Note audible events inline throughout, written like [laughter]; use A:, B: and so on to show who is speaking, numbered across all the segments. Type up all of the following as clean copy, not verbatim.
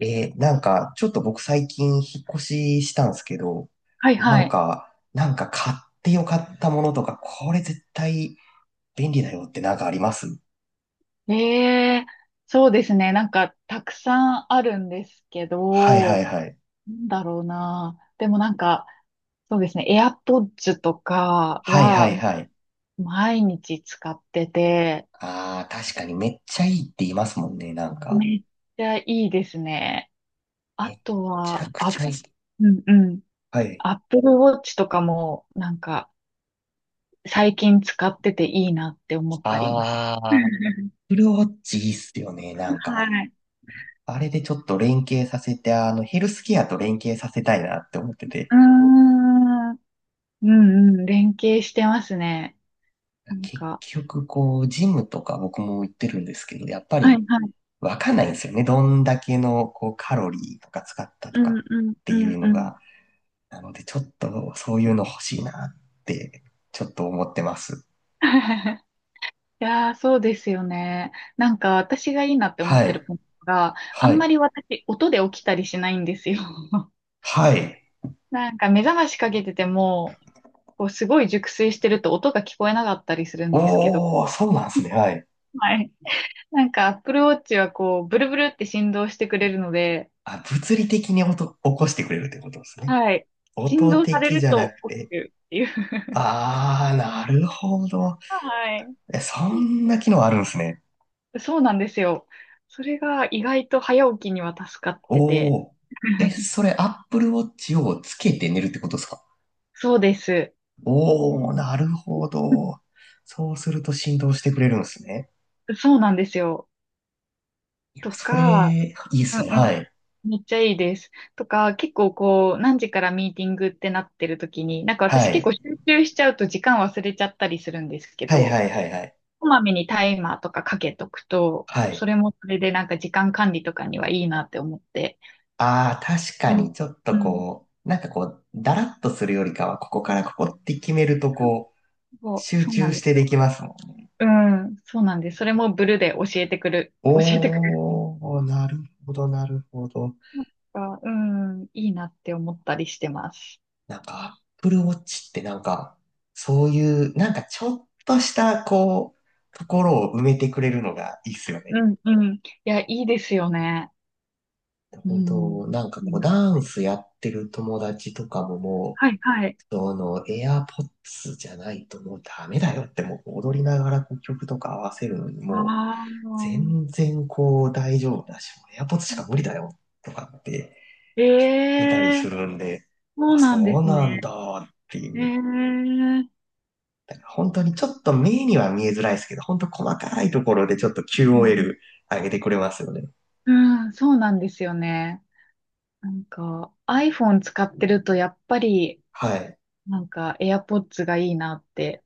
A: ちょっと僕最近引っ越ししたんですけど、
B: はい
A: な
B: は
A: ん
B: い。
A: か、なんか買ってよかったものとか、これ絶対便利だよってなんかあります
B: ええ、そうですね。なんか、たくさんあるんですけ
A: はいはい
B: ど、
A: はい。
B: なんだろうな。でもなんか、そうですね。AirPods とか
A: はいは
B: は、
A: いはい。
B: 毎日使ってて、
A: ああ、確かにめっち
B: あ
A: ゃいいって言いますもんね、なんか。
B: めっちゃいいですね。あ
A: めっ
B: と
A: ちゃ
B: は、
A: くち
B: あ、
A: ゃいい。
B: うんうん。
A: はい。
B: Apple Watch とかも、なんか、最近使ってていいなって思ったりもし
A: あ
B: [laughs]
A: あ、アップルウォッチいいっすよね、なん
B: は
A: か。
B: い。
A: あれでちょっと連携させて、ヘルスケアと連携させたいなって思ってて。
B: うーん。うんうん、連携してますね。なん
A: 結
B: か、
A: 局、こう、ジムとか僕も行ってるんですけど、やっぱ
B: はいは
A: り
B: い。
A: わかんないんですよね。どんだけの、こう、カロリーとか使ったと
B: うん
A: か
B: うん
A: って
B: う
A: いう
B: ん
A: の
B: うん。
A: が。なので、ちょっとそういうの欲しいなって、ちょっと思ってます。
B: [laughs] いやー、そうですよね。なんか、私がいいなって思っ
A: は
B: てる
A: い。
B: ポイントが、あ
A: は
B: んま
A: い。
B: り私、音で起きたりしないんですよ。[laughs]
A: はい。
B: なんか、目覚ましかけてても、こう、すごい熟睡してると音が聞こえなかったりするんですけど、
A: おー、そうなんですね。はい。
B: はい。なんか、Apple Watch はこう、ブルブルって振動してくれるので、
A: あ、物理的に音、起こしてくれるってことですね。
B: はい。振
A: 音
B: 動され
A: 的じ
B: る
A: ゃな
B: と
A: く
B: 起
A: て。
B: きるっていう。[laughs]
A: あー、なるほど。
B: はい。
A: え、そ
B: [laughs]
A: んな機能あるんですね。
B: そうなんですよ。それが意外と早起きには助かって
A: お
B: て。
A: お、え、
B: [laughs]
A: それ、Apple Watch をつけて寝るってことですか
B: そうです。
A: おおー、なるほど。そうすると振動してくれるんですね。
B: そうなんですよ。
A: いや、
B: と
A: それ、
B: か、
A: いいっ
B: うん
A: す
B: う
A: ね。
B: ん。
A: はい。
B: めっちゃいいです。とか、結構こう、何時からミーティングってなってる時に、なんか
A: は
B: 私結構
A: い。
B: 集中しちゃうと時間忘れちゃったりするんですけ
A: はい
B: ど、
A: はいはいはい。
B: こまめにタイマーとかかけとくと、
A: は
B: そ
A: い。
B: れもそれでなんか時間管理とかにはいいなって思って。
A: ああ、確
B: う
A: か
B: ん。
A: に、ちょっ
B: う
A: と
B: ん。
A: こう、なんかこう、だらっとするよりかは、ここからここって決めると、こう、
B: そう、
A: 集
B: そうな
A: 中
B: んで
A: して
B: す
A: で
B: よ。
A: きますもんね。
B: うん、そうなんです。それもブルで教えてくれる。
A: おー、なるほど、なるほど。
B: なんか、うん、いいなって思ったりしてます。
A: なんか、Apple Watch ってなんか、そういう、なんかちょっとした、こう、ところを埋めてくれるのがいいっすよね。
B: うん、うん。いや、いいですよね。う
A: 本当、
B: ん。
A: なんか
B: いい
A: こう、
B: なっ
A: ダン
B: て。
A: スやってる友達とかもも
B: はい、はい。
A: う、その、AirPods じゃないともうダメだよって、もう踊りながらこう曲とか合わせるのにもう、
B: ああ。
A: 全然こう、大丈夫だし、もう AirPods しか無理だよとかって
B: え
A: 出たり
B: え
A: す
B: ー、
A: るんで、
B: そ
A: あ、
B: うなん
A: そ
B: で
A: う
B: す
A: なん
B: ね。
A: だってい
B: ええ
A: う。
B: ー。
A: 本当にちょっと目には見えづらいですけど、本当細かいところでちょっと
B: うん、
A: QOL 上げてくれますよね。
B: うんそうなんですよね。なんか、iPhone 使ってると、やっぱり、
A: はい。
B: なんか、AirPods がいいなって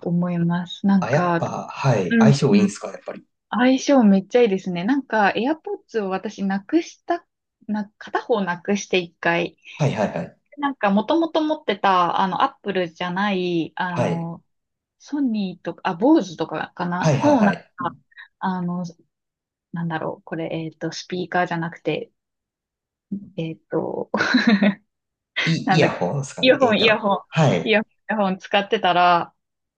B: 思います。なん
A: あ、やっ
B: か、
A: ぱ、はい。
B: うん、
A: 相性いい
B: う
A: ん
B: ん
A: すか、やっぱり。
B: 相性めっちゃいいですね。なんか、AirPods を私なくした、片方なくして一回。
A: はいはいはい。
B: なんか、もともと持ってた、Apple じゃない、
A: はい。
B: ソニーとか、あ、Bose とかか
A: は
B: な
A: いはい
B: の、な
A: は
B: ん
A: い。
B: か、あの、なんだろう、これ、スピーカーじゃなくて、えっと、[laughs]
A: イ、
B: な
A: イ
B: んだ
A: ヤ
B: っけ、
A: ホンですか
B: イ
A: ね。
B: ヤ
A: え
B: ホ
A: ー
B: ン、イ
A: と、
B: ヤホン、
A: は
B: イ
A: い。
B: ヤホン、イヤホン使ってたら、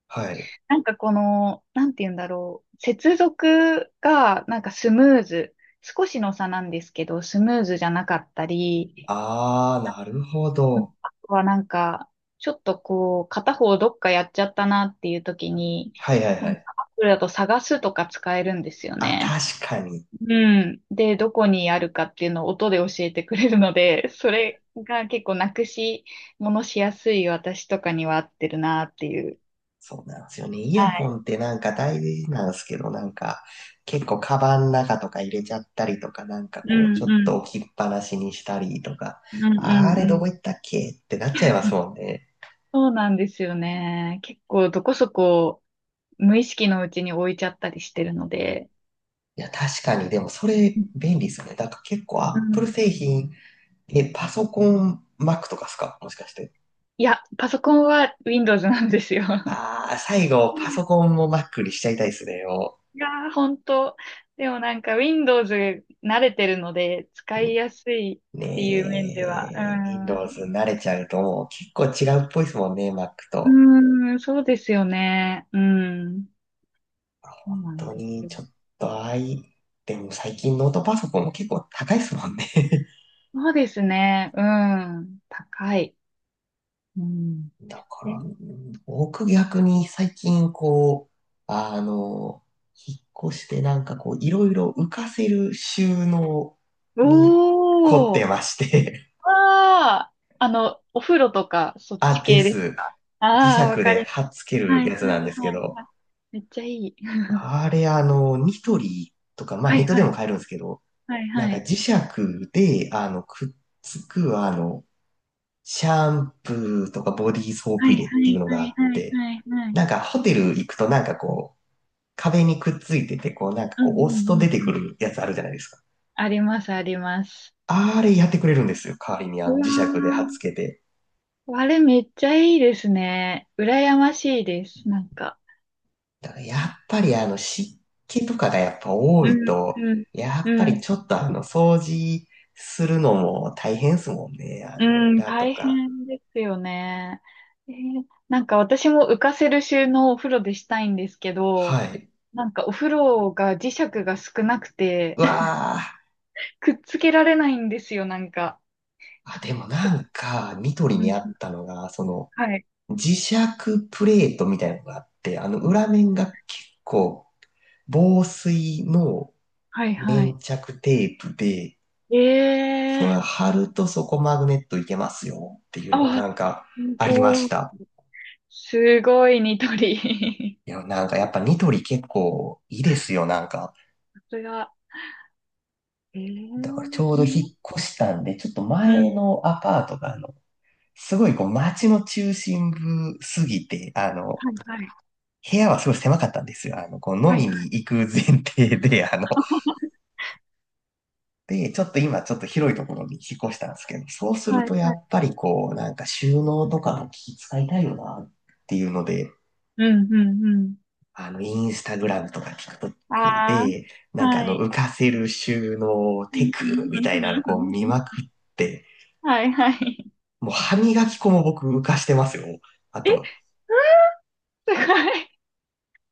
A: はい。
B: なんかこの、なんて言うんだろう。接続がなんかスムーズ。少しの差なんですけど、スムーズじゃなかったり、
A: あー、
B: あ
A: なるほど。
B: あとはなんか、ちょっとこう、片方どっかやっちゃったなっていう時に、
A: はいはいは
B: なん
A: い。
B: かアプリだと探すとか使えるんですよ
A: あ、
B: ね。
A: 確かに。
B: うん。で、どこにあるかっていうのを音で教えてくれるので、それが結構なくし、ものしやすい私とかには合ってるなっていう。
A: そうなんですよね。イヤ
B: は
A: ホ
B: い。
A: ンってなんか大事なんですけど、なんか結構カバンの中とか入れちゃったりとか、なんか
B: う
A: こうち
B: ん
A: ょっ
B: う
A: と
B: ん。
A: 置きっぱなしにしたりとか、
B: うんう
A: あ
B: ん
A: れ
B: う
A: どこ
B: ん。
A: 行ったっけってなっちゃいますもんね。
B: そうなんですよね。結構どこそこ無意識のうちに置いちゃったりしてるので。
A: いや、確かに、でもそれ便利ですよね。だから結構
B: うん。
A: Apple 製品、え、パソコン Mac とかですかもしかして。
B: いや、パソコンは Windows なんですよ。
A: ああ、最後
B: う
A: パ
B: ん
A: ソコンも Mac にしちゃいたいですね。も
B: いやー、本当。でもなんか Windows 慣れてるので使いやすいっ
A: う
B: ていう面では。う
A: ねえ、Windows 慣れちゃうともう結構違うっぽいですもんね、Mac と。
B: ん。うーん、そうですよね。うん。そうなん
A: 当
B: です
A: に
B: よ。
A: ちょっとあい、でも最近ノートパソコンも結構高いですもんね。[laughs]
B: そうですね。うん。高い。うん。
A: だか
B: え、
A: ら、僕逆に最近こう、あの、引っ越してなんかこう、いろいろ浮かせる収納
B: お
A: に凝って
B: ー。
A: まして、
B: ああ、お風呂とか、そ
A: [laughs]
B: っち
A: あ、で
B: 系です。
A: す。磁
B: ああ、わ
A: 石
B: かり
A: で
B: ま
A: 貼っ
B: す。
A: つけ
B: は
A: る
B: い
A: やつ
B: は
A: な
B: い
A: んですけ
B: はい
A: ど、
B: はい。めっちゃいい。[laughs]
A: あれ、ニトリとか、まあ
B: は
A: ネ
B: い
A: ットで
B: は
A: も
B: い。
A: 買えるんですけど、
B: はい
A: なん
B: は
A: か
B: い。
A: 磁石で、あの、くっつくあの、シャンプーとかボディーソー
B: は
A: プ
B: い
A: 入れ
B: は
A: っていう
B: い
A: の
B: は
A: があ
B: い
A: っ
B: はい
A: て、
B: はいはい。
A: なんかホテル行くとなんかこう、壁にくっついてて、こうなんか
B: うんう
A: こう押すと
B: ん
A: 出
B: う
A: て
B: んう
A: く
B: ん。
A: るやつあるじゃないですか。
B: ありますあります。
A: あれやってくれるんですよ。代わりにあ
B: う
A: の
B: わ
A: 磁石で貼っつけて。
B: ーあれめっちゃいいですね。羨ましいです。なんか。
A: だから
B: う
A: やっ
B: ん
A: ぱりあの湿気とかがやっぱ多
B: う
A: い
B: ん
A: と、
B: うん。
A: やっぱ
B: う
A: り
B: ん
A: ちょっとあの掃除するのも大変ですもんね。あ
B: う
A: の
B: ん、
A: 裏と
B: 大
A: か。
B: 変ですよね。えーなんか私も浮かせる収納をお風呂でしたいんですけど、
A: はい。
B: なんかお風呂が磁石が少なくて、
A: う
B: [laughs]
A: わー。
B: くっつけられないんですよ、なんか。
A: あ、でもなんか、ニトリ
B: う
A: に
B: ん
A: あったのが、その、
B: はい、
A: 磁石プレートみたいなのがあって、あの裏面が結構防水の
B: はい、は
A: 粘
B: い。
A: 着テープで、
B: ええ
A: それ
B: ー
A: 貼るとそこマグネットいけますよっていうのは
B: あ、
A: なんか
B: す
A: ありま
B: ご
A: し
B: い。
A: た。
B: すごい、ニトリ。
A: いや、なんかやっぱニトリ結構いいですよ、なんか。
B: [laughs] さすが。ええ
A: だからち
B: ー
A: ょう
B: そ
A: ど引っ
B: んな、
A: 越したんで、ちょっと
B: うん、
A: 前のアパートがあの、すごいこう街の中心部すぎて、あの、
B: はい、はい、
A: 部屋はすごい狭かったんですよ。あの、こう飲
B: はい、
A: みに
B: はい、
A: 行く前提で、あの、で、ちょっと今ちょっと広いところに引っ越したんですけど、そうする
B: はい、
A: とや
B: はい。
A: っぱりこう、なんか収納とかも気使いたいよなっていうので、
B: うん、うん、うん。
A: あの、インスタグラムとか TikTok
B: あ
A: で、
B: あ、
A: なんかあ
B: は
A: の、
B: い。
A: 浮かせる収納
B: う
A: テ
B: んうん
A: ク
B: う
A: み
B: ん
A: たいなの
B: う
A: こ
B: ん
A: う見
B: うん
A: まくって、
B: はいはい。
A: もう歯磨き粉も僕浮かしてますよ。あ
B: え、
A: と、
B: すごい。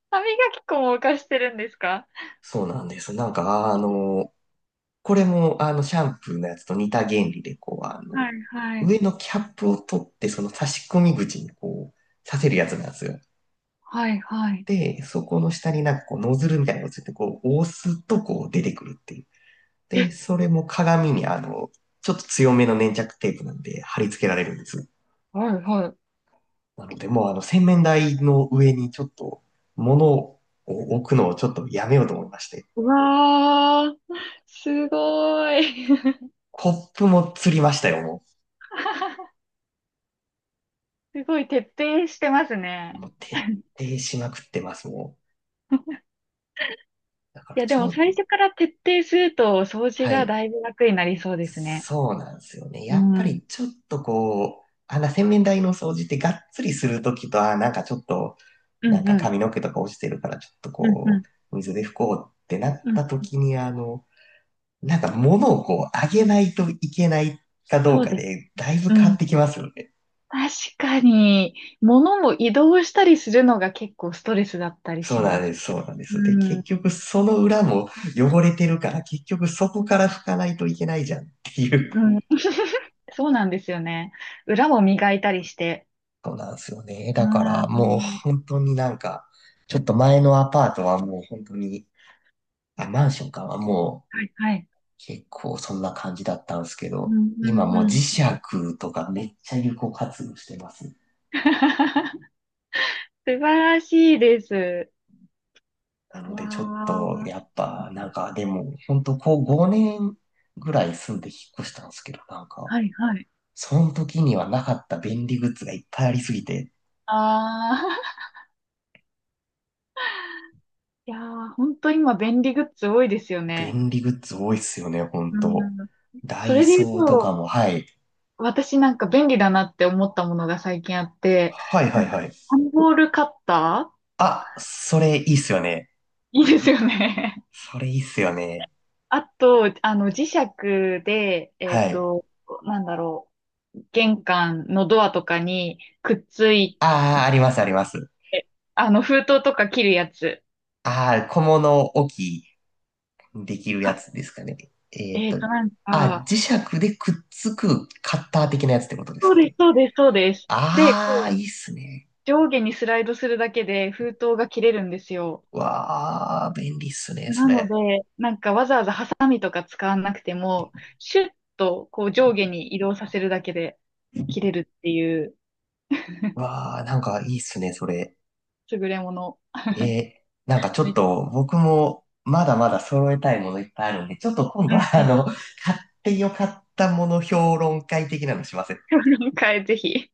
B: 歯磨き粉も浮かしてるんですか？
A: そうなんです。これもあの、シャンプーのやつと似た原理で、こう、あの、
B: はいはい。
A: 上のキャップを取って、その差し込み口にこう、させるやつなんですよ。
B: はいはい。
A: で、そこの下になんかこうノズルみたいなのがついて、こう押すとこう出てくるっていう。
B: え、
A: で、それも鏡にあの、ちょっと強めの粘着テープなんで貼り付けられるんです。
B: はいはい。
A: なので、もうあの洗面台の上にちょっと物を置くのをちょっとやめようと思いまして。
B: うわー、すごい。
A: コップも釣りましたよ、も
B: [laughs] すごい徹底してます
A: う。
B: ね。
A: もう徹底しまくってます、もう。だから
B: いや、で
A: ち
B: も
A: ょ、
B: 最初から徹底すると掃除
A: は
B: が
A: い。
B: だいぶ楽になりそうですね。
A: そうなんですよね。
B: う
A: やっぱ
B: ん。
A: りちょっとこう、あんな洗面台の掃除ってがっつりするときと、あー、なんかちょっと、
B: う
A: なん
B: んう
A: か
B: ん。
A: 髪の毛とか落ちてるからちょっと
B: うんう
A: こ
B: ん。
A: う、水で拭こうってなっ
B: うん。
A: たときに、あの、なんか物をこう、あげないといけないかどう
B: そう
A: か
B: です。
A: で、だいぶ
B: う
A: 変わ
B: ん
A: ってきますよね。
B: 確かに、物も移動したりするのが結構ストレスだったり
A: そう
B: し
A: なん
B: ま
A: で
B: す。
A: す、そうなんで
B: う
A: す。で、
B: ん、う
A: 結
B: ん、
A: 局その裏も汚れてるから、結局そこから拭かないといけないじゃんっていう。
B: そうなんですよね。裏も磨いたりして。
A: そうなんですよね。
B: あ
A: だから
B: あ、う
A: もう
B: ん、
A: 本当になんか、ちょっと前のアパートはもう本当に、あ、マンションかはもう
B: はい、はい。
A: 結構そんな感じだったんですけ
B: う
A: ど、
B: ん、う
A: 今
B: ん、
A: もう
B: う
A: 磁
B: ん。
A: 石とかめっちゃ有効活用してます。
B: [laughs] 素晴らしいです。
A: なの
B: わ
A: でちょっとやっ
B: あ。
A: ぱなんかでも本当こう5年ぐらい住んで引っ越したんですけど、なんか、
B: はい、はい。
A: その時にはなかった便利グッズがいっぱいありすぎて、
B: ああ。いやー、本当今便利グッズ多いですよね。
A: 便利グッズ多いっすよね、本
B: う
A: 当。
B: ん。
A: ダ
B: そ
A: イ
B: れで言う
A: ソーとか
B: と、
A: も、はい。
B: 私なんか便利だなって思ったものが最近あって、
A: はいは
B: な
A: い
B: んか、
A: はい。
B: 段ボールカッター。
A: あ、それいいっすよね。
B: [laughs] いいですよね。
A: それいいっすよね。
B: [laughs] あと、磁石で、
A: はい。
B: なんだろう、玄関のドアとかにくっつい
A: ああ、あります、あります。
B: て、封筒とか切るやつ。
A: ああ、小物置きできる
B: あ、
A: やつですかね。えーっと、
B: なん
A: あ、
B: か、
A: 磁石でくっつくカッター的なやつってことです
B: そう
A: か
B: です、
A: ね。
B: そうです、そうです。で、
A: ああ、
B: こう、
A: いいっすね。
B: 上下にスライドするだけで封筒が切れるんですよ。
A: わあ、便利っすね、そ
B: なの
A: れ。
B: で、なんかわざわざハサミとか使わなくても、シュッとこう上下に移動させるだけで切れるっていう
A: わあ、なんかいいっすね、それ。
B: 優れもの。
A: えーなんかちょっ
B: め
A: と僕もまだまだ揃えたいものいっぱいあるんで、ちょっと今
B: [laughs] う
A: 度
B: ん
A: は
B: う
A: あ
B: ん。
A: の、買ってよかったもの評論会的なのしません
B: [laughs] はい、ぜひ。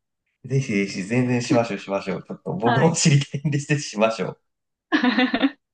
A: ぜひぜひ、全然しましょう、しましょう。ちょっと
B: は
A: 僕も
B: い。
A: 知りたいんでしてしましょう。
B: [laughs]